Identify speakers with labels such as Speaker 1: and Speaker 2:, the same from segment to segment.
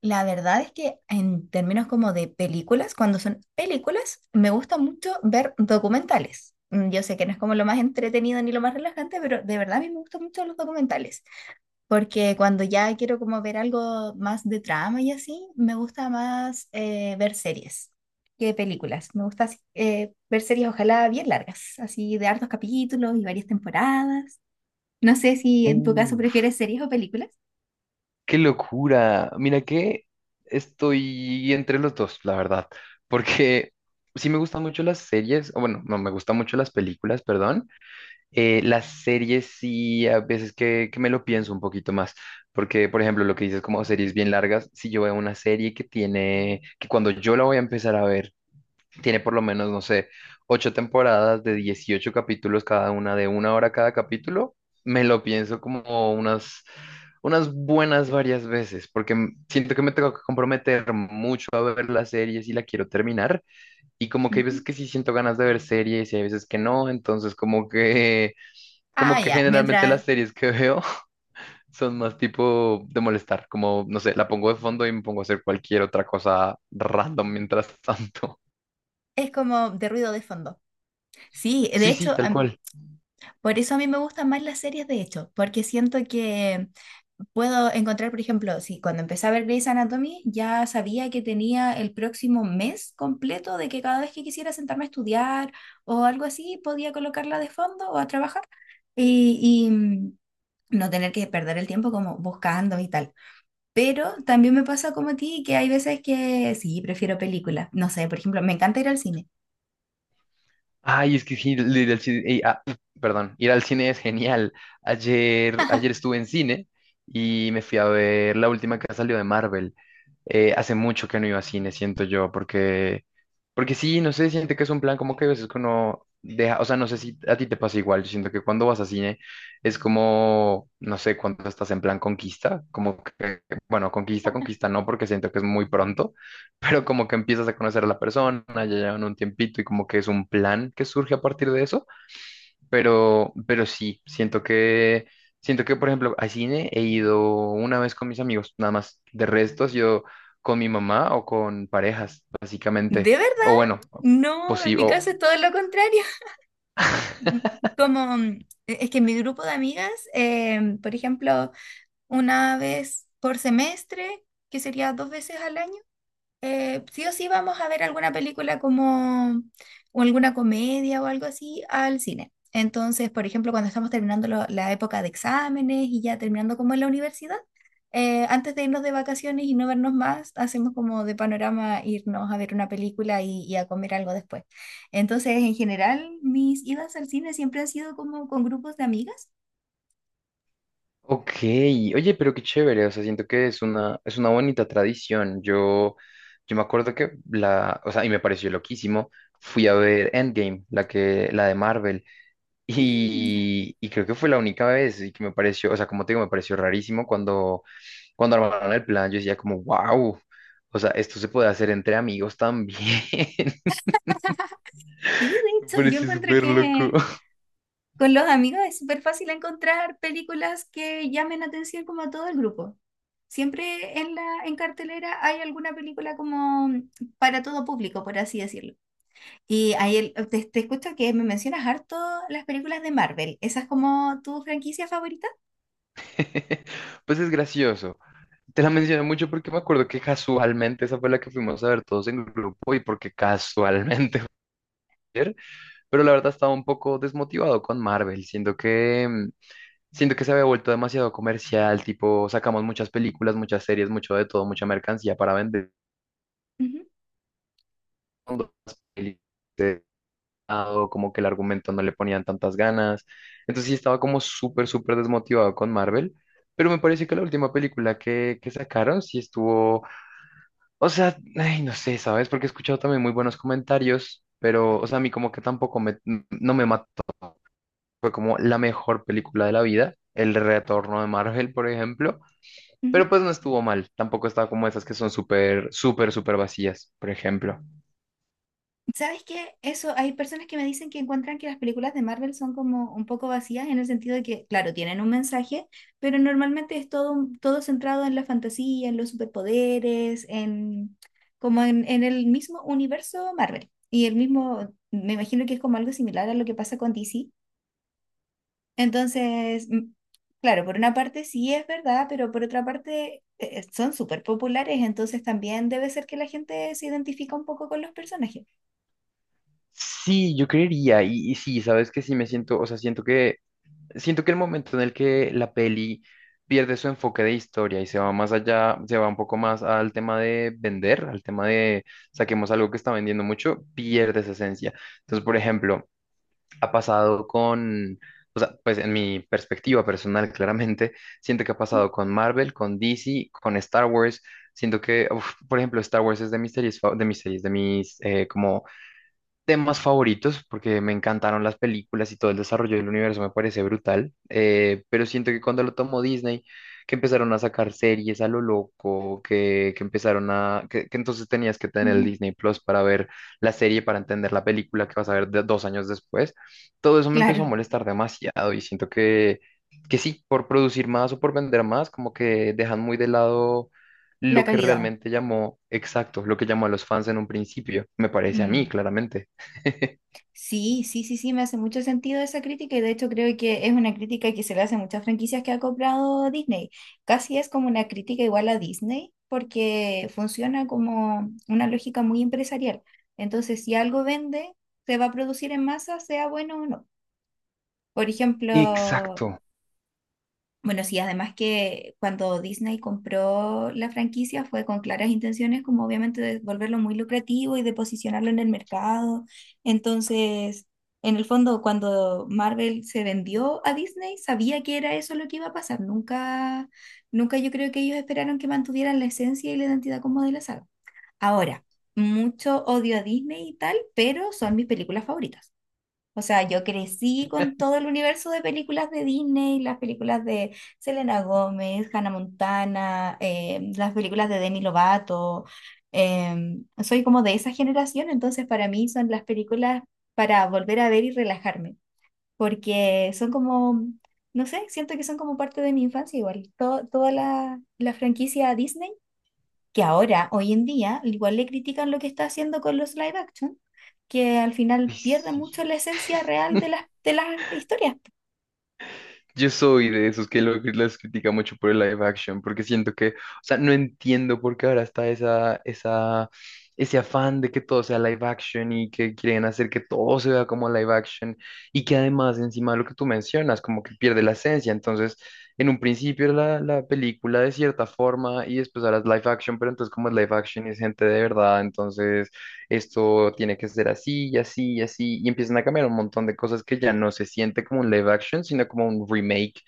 Speaker 1: La verdad es que en términos como de películas, cuando son películas, me gusta mucho ver documentales. Mm, yo sé que no es como lo más entretenido ni lo más relajante, pero de verdad a mí me gustan mucho los documentales, porque cuando ya quiero como ver algo más de trama y así, me gusta más ver series que películas. Me gusta así, ver series ojalá bien largas, así de hartos capítulos y varias temporadas. No sé si en tu caso
Speaker 2: Uh,
Speaker 1: prefieres series o películas.
Speaker 2: qué locura. Mira que estoy entre los dos, la verdad, porque sí me gustan mucho las series, o bueno, no, me gustan mucho las películas, perdón. Las series sí, a veces que me lo pienso un poquito más, porque, por ejemplo, lo que dices como series bien largas, si yo veo una serie que tiene, que cuando yo la voy a empezar a ver, tiene por lo menos, no sé, ocho temporadas de 18 capítulos cada una, de 1 hora cada capítulo. Me lo pienso como unas buenas varias veces, porque siento que me tengo que comprometer mucho a ver la serie si la quiero terminar. Y como que hay veces
Speaker 1: Ujú.
Speaker 2: que sí siento ganas de ver series y hay veces que no. Entonces,
Speaker 1: Ah,
Speaker 2: como que
Speaker 1: ya,
Speaker 2: generalmente las
Speaker 1: mientras.
Speaker 2: series que veo son más tipo de molestar, como, no sé, la pongo de fondo y me pongo a hacer cualquier otra cosa random mientras tanto.
Speaker 1: Es como de ruido de fondo. Sí, de
Speaker 2: Sí, sí,
Speaker 1: hecho,
Speaker 2: tal cual.
Speaker 1: por eso a mí me gustan más las series, de hecho, porque siento que puedo encontrar, por ejemplo, si cuando empecé a ver Grey's Anatomy, ya sabía que tenía el próximo mes completo de que cada vez que quisiera sentarme a estudiar o algo así, podía colocarla de fondo o a trabajar y, y no tener que perder el tiempo como buscando y tal. Pero también me pasa como a ti que hay veces que sí, prefiero películas. No sé, por ejemplo, me encanta ir al cine.
Speaker 2: Ay, es que sí, perdón, ir al cine es genial. Ayer, ayer estuve en cine y me fui a ver la última que salió de Marvel. Hace mucho que no iba a cine, siento yo, porque sí, no sé, siento que es un plan como que a veces que uno deja, o sea, no sé si a ti te pasa igual, yo siento que cuando vas a cine es como, no sé, cuando estás en plan conquista, como que, bueno, conquista no, porque siento que es muy pronto, pero como que empiezas a conocer a la persona, ya llevan un tiempito y como que es un plan que surge a partir de eso. Pero sí, siento que, por ejemplo, a cine he ido una vez con mis amigos, nada más. De restos, yo con mi mamá o con parejas,
Speaker 1: ¿De
Speaker 2: básicamente.
Speaker 1: verdad?
Speaker 2: O bueno,
Speaker 1: No, en
Speaker 2: posible.
Speaker 1: mi caso es todo lo contrario. Mm, Como, es que en mi grupo de amigas, por ejemplo, una vez por semestre, que sería dos veces al año, sí o sí vamos a ver alguna película como o alguna comedia o algo así al cine. Entonces, por ejemplo, cuando estamos terminando la época de exámenes y ya terminando como en la universidad, antes de irnos de vacaciones y no vernos más, hacemos como de panorama irnos a ver una película y a comer algo después. Entonces, en general, mis idas al cine siempre han sido como con grupos de amigas.
Speaker 2: Ok, oye, pero qué chévere, o sea, siento que es una bonita tradición. Yo me acuerdo que la, o sea, y me pareció loquísimo, fui a ver Endgame, la que, la de Marvel.
Speaker 1: Mm, ya.
Speaker 2: Y creo que fue la única vez y que me pareció, o sea, como te digo, me pareció rarísimo cuando armaron el plan, yo decía como, wow, o sea, esto se puede hacer entre amigos también.
Speaker 1: Sí,
Speaker 2: Me
Speaker 1: de hecho, yo
Speaker 2: pareció
Speaker 1: encuentro
Speaker 2: súper loco.
Speaker 1: que con los amigos es súper fácil encontrar películas que llamen la atención como a todo el grupo. Siempre en la, en cartelera hay alguna película como para todo público, por así decirlo. Y ahí te, te escucho que me mencionas harto las películas de Marvel. ¿Esa es como tu franquicia favorita?
Speaker 2: Pues es gracioso. Te la mencioné mucho porque me acuerdo que casualmente esa fue la que fuimos a ver todos en grupo y porque casualmente, fue ayer, pero la verdad estaba un poco desmotivado con Marvel, siento que… Siento que se había vuelto demasiado comercial, tipo, sacamos muchas películas, muchas series, mucho de todo, mucha mercancía para vender.
Speaker 1: Ujú,
Speaker 2: Cuando las pelis de lado, como que el argumento no le ponían tantas ganas. Entonces sí estaba como súper, súper desmotivado con Marvel. Pero me parece que la última película que sacaron sí estuvo, o sea, ay, no sé, ¿sabes? Porque he escuchado también muy buenos comentarios, pero, o sea, a mí como que tampoco me, no me mató. Fue como la mejor película de la vida, El Retorno de Marvel, por ejemplo.
Speaker 1: ujú.
Speaker 2: Pero pues no estuvo mal. Tampoco estaba como esas que son súper, súper, súper vacías, por ejemplo.
Speaker 1: ¿Sabes qué? Eso, hay personas que me dicen que encuentran que las películas de Marvel son como un poco vacías en el sentido de que, claro, tienen un mensaje, pero normalmente es todo, todo centrado en la fantasía, en los superpoderes, en como en el mismo universo Marvel. Y el mismo, me imagino que es como algo similar a lo que pasa con DC. Entonces, mm, claro, por una parte sí es verdad, pero por otra parte son súper populares, entonces también debe ser que la gente se identifica un poco con los personajes.
Speaker 2: Sí, yo creería. Y sí, sabes que sí me siento, o sea, siento que el momento en el que la peli pierde su enfoque de historia y se va más allá, se va un poco más al tema de vender, al tema de saquemos algo que está vendiendo mucho, pierde esa esencia. Entonces, por ejemplo, ha pasado con, o sea, pues en mi perspectiva personal, claramente, siento que ha pasado con Marvel, con DC, con Star Wars. Siento que, uf, por ejemplo, Star Wars es de mis series, de mis series, de mis como temas favoritos, porque me encantaron las películas y todo el desarrollo del universo me parece brutal, pero siento que cuando lo tomó Disney, que empezaron a sacar series a lo loco, que empezaron a, que entonces tenías que tener el Disney Plus para ver la serie, para entender la película que vas a ver 2 años después, todo eso me empezó
Speaker 1: Claro,
Speaker 2: a molestar demasiado y siento que sí, por producir más o por vender más, como que dejan muy de lado
Speaker 1: la
Speaker 2: lo que
Speaker 1: calidad.
Speaker 2: realmente llamó, exacto, lo que llamó a los fans en un principio, me parece a mí,
Speaker 1: Mm.
Speaker 2: claramente.
Speaker 1: Sí, sí, sí, sí, me hace mucho sentido esa crítica y de hecho creo que es una crítica que se le hace a muchas franquicias que ha comprado Disney. Casi es como una crítica igual a Disney porque funciona como una lógica muy empresarial. Entonces, si algo vende, se va a producir en masa, sea bueno o no. Por ejemplo,
Speaker 2: Exacto.
Speaker 1: bueno, sí, además que cuando Disney compró la franquicia fue con claras intenciones, como obviamente de volverlo muy lucrativo y de posicionarlo en el mercado. Entonces, en el fondo, cuando Marvel se vendió a Disney, sabía que era eso lo que iba a pasar. Nunca, nunca yo creo que ellos esperaron que mantuvieran la esencia y la identidad como de la saga. Ahora, mucho odio a Disney y tal, pero son mis películas favoritas. O sea, yo crecí con todo el universo de películas de Disney, las películas de Selena Gómez, Hannah Montana, las películas de Demi Lovato. Soy como de esa generación, entonces para mí son las películas para volver a ver y relajarme, porque son como, no sé, siento que son como parte de mi infancia igual. Toda la, la franquicia Disney que ahora, hoy en día, igual le critican lo que está haciendo con los live action, que al final
Speaker 2: Ay,
Speaker 1: pierde mucho
Speaker 2: sí.
Speaker 1: la esencia real de las historias.
Speaker 2: Yo soy de esos que las critica mucho por el live action, porque siento que, o sea, no entiendo por qué ahora está ese afán de que todo sea live action y que quieren hacer que todo se vea como live action y que además encima de lo que tú mencionas, como que pierde la esencia. Entonces, en un principio era la, la película de cierta forma y después ahora es live action, pero entonces como es live action y es gente de verdad, entonces… esto tiene que ser así y así y así, y empiezan a cambiar un montón de cosas que ya no se siente como un live action, sino como un remake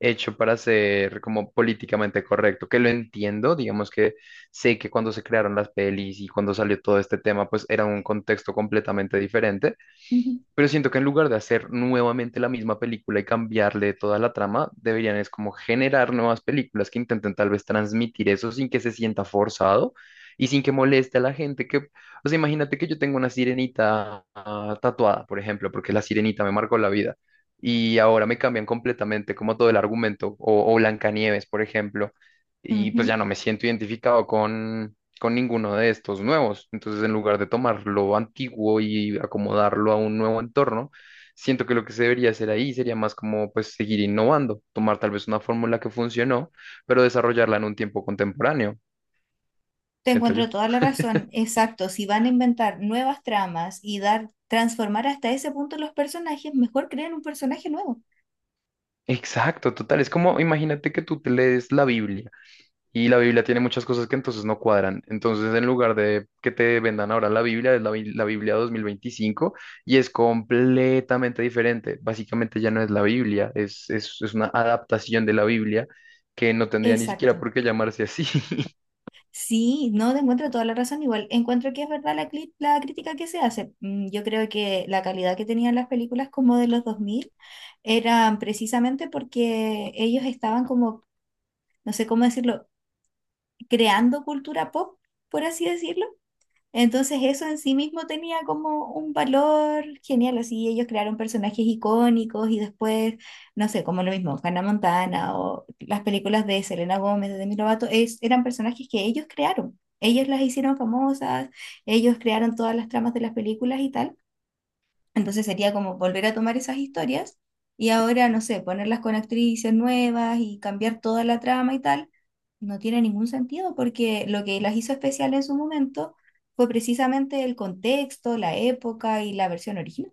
Speaker 2: hecho para ser como políticamente correcto, que lo entiendo, digamos que sé que cuando se crearon las pelis y cuando salió todo este tema, pues era un contexto completamente diferente,
Speaker 1: Ujú,
Speaker 2: pero siento que en lugar de hacer nuevamente la misma película y cambiarle toda la trama, deberían es como generar nuevas películas que intenten tal vez transmitir eso sin que se sienta forzado y sin que moleste a la gente que, o sea, imagínate que yo tengo una sirenita ah, tatuada, por ejemplo, porque la sirenita me marcó la vida y ahora me cambian completamente como todo el argumento o Blancanieves, por ejemplo, y pues
Speaker 1: ujú.
Speaker 2: ya no me siento identificado con ninguno de estos nuevos. Entonces, en lugar de tomar lo antiguo y acomodarlo a un nuevo entorno, siento que lo que se debería hacer ahí sería más como pues seguir innovando, tomar tal vez una fórmula que funcionó, pero desarrollarla en un tiempo contemporáneo,
Speaker 1: Te
Speaker 2: siento
Speaker 1: encuentro
Speaker 2: yo.
Speaker 1: toda la razón. Exacto, si van a inventar nuevas tramas y dar, transformar hasta ese punto los personajes, mejor creen un personaje nuevo.
Speaker 2: Exacto, total. Es como, imagínate que tú te lees la Biblia. Y la Biblia tiene muchas cosas que entonces no cuadran. Entonces, en lugar de que te vendan ahora la Biblia, es la Biblia 2025 y es completamente diferente. Básicamente ya no es la Biblia, es una adaptación de la Biblia que no tendría ni siquiera
Speaker 1: Exacto.
Speaker 2: por qué llamarse así.
Speaker 1: Sí, no te encuentro toda la razón. Igual encuentro que es verdad la, la crítica que se hace. Mm, yo creo que la calidad que tenían las películas como de los 2000 eran precisamente porque ellos estaban como, no sé cómo decirlo, creando cultura pop, por así decirlo. Entonces eso en sí mismo tenía como un valor genial, así ellos crearon personajes icónicos y después, no sé, como lo mismo, Hannah Montana o las películas de Selena Gómez, de Demi Lovato, es, eran personajes que ellos crearon, ellos las hicieron famosas, ellos crearon todas las tramas de las películas y tal. Entonces sería como volver a tomar esas historias y ahora, no sé, ponerlas con actrices nuevas y cambiar toda la trama y tal, no tiene ningún sentido porque lo que las hizo especial en su momento fue precisamente el contexto, la época y la versión original.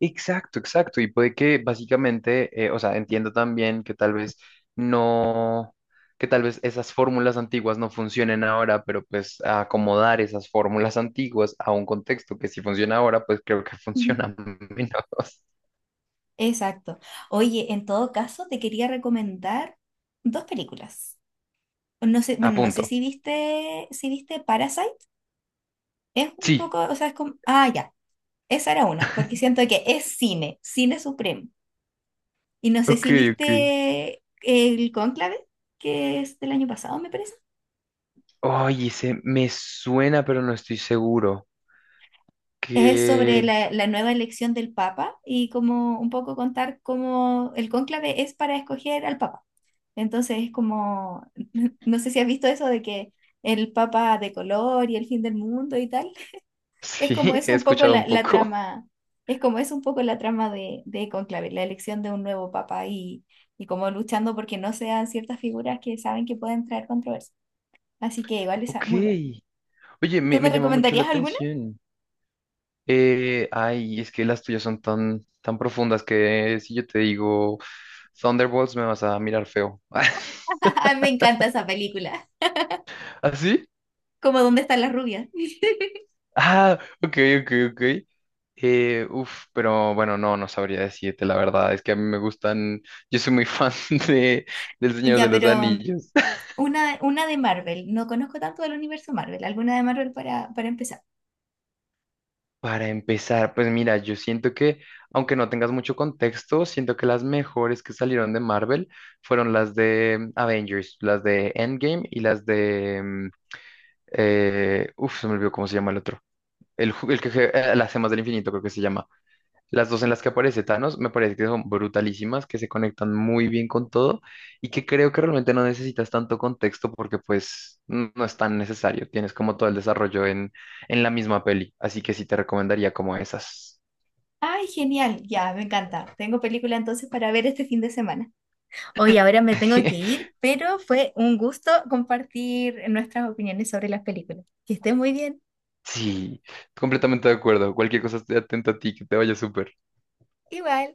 Speaker 2: Exacto, exacto. Y puede que básicamente, o sea, entiendo también que tal vez no, que tal vez esas fórmulas antiguas no funcionen ahora, pero pues acomodar esas fórmulas antiguas a un contexto que si funciona ahora, pues creo que
Speaker 1: Ujú.
Speaker 2: funciona menos.
Speaker 1: Exacto. Oye, en todo caso, te quería recomendar dos películas. No sé,
Speaker 2: A
Speaker 1: bueno, no sé
Speaker 2: punto.
Speaker 1: si viste Parasite. Es un
Speaker 2: Sí.
Speaker 1: poco, o sea, es como, ah, ya, esa era una, porque siento que es cine, cine supremo. Y no sé
Speaker 2: Ok,
Speaker 1: si
Speaker 2: ok.
Speaker 1: viste el Cónclave, que es del año pasado, me parece.
Speaker 2: Oye, ese me suena, pero no estoy seguro.
Speaker 1: Es sobre
Speaker 2: Que
Speaker 1: la, la nueva elección del Papa y como un poco contar cómo el cónclave es para escoger al Papa. Entonces es como, no sé si has visto eso de que el Papa de color y el fin del mundo y tal. Es
Speaker 2: sí,
Speaker 1: como es
Speaker 2: he
Speaker 1: un poco
Speaker 2: escuchado un
Speaker 1: la, la
Speaker 2: poco.
Speaker 1: trama, es como es un poco la trama de Cónclave, la elección de un nuevo Papa y como luchando porque no sean ciertas figuras que saben que pueden traer controversia. Así que igual es
Speaker 2: Ok.
Speaker 1: muy bueno.
Speaker 2: Oye,
Speaker 1: ¿Tú me
Speaker 2: me llama mucho la
Speaker 1: recomendarías alguna?
Speaker 2: atención. Ay, es que las tuyas son tan, tan profundas que si yo te digo Thunderbolts me vas a mirar feo.
Speaker 1: Ay, me encanta esa película.
Speaker 2: ¿Así?
Speaker 1: Como ¿Dónde están las rubias?
Speaker 2: Ah, ok, ok, ok. Uf, pero bueno, no, no sabría decirte la verdad. Es que a mí me gustan, yo soy muy fan de, del Señor de
Speaker 1: Ya,
Speaker 2: los
Speaker 1: pero
Speaker 2: Anillos.
Speaker 1: una de Marvel. No conozco tanto del universo Marvel. ¿Alguna de Marvel para empezar?
Speaker 2: Para empezar, pues mira, aunque no tengas mucho contexto, siento que las mejores que salieron de Marvel fueron las de Avengers, las de Endgame y las de uf, se me olvidó cómo se llama el otro. El, las gemas del infinito creo que se llama. Las dos en las que aparece Thanos me parece que son brutalísimas, que se conectan muy bien con todo y que creo que realmente no necesitas tanto contexto porque pues no es tan necesario. Tienes como todo el desarrollo en la misma peli, así que sí te recomendaría como esas.
Speaker 1: Ay, genial, ya, me encanta. Tengo película entonces para ver este fin de semana. Hoy ahora me tengo que ir, pero fue un gusto compartir nuestras opiniones sobre las películas. Que estés muy bien.
Speaker 2: Sí, completamente de acuerdo. Cualquier cosa estoy atento a ti, que te vaya súper.
Speaker 1: Igual.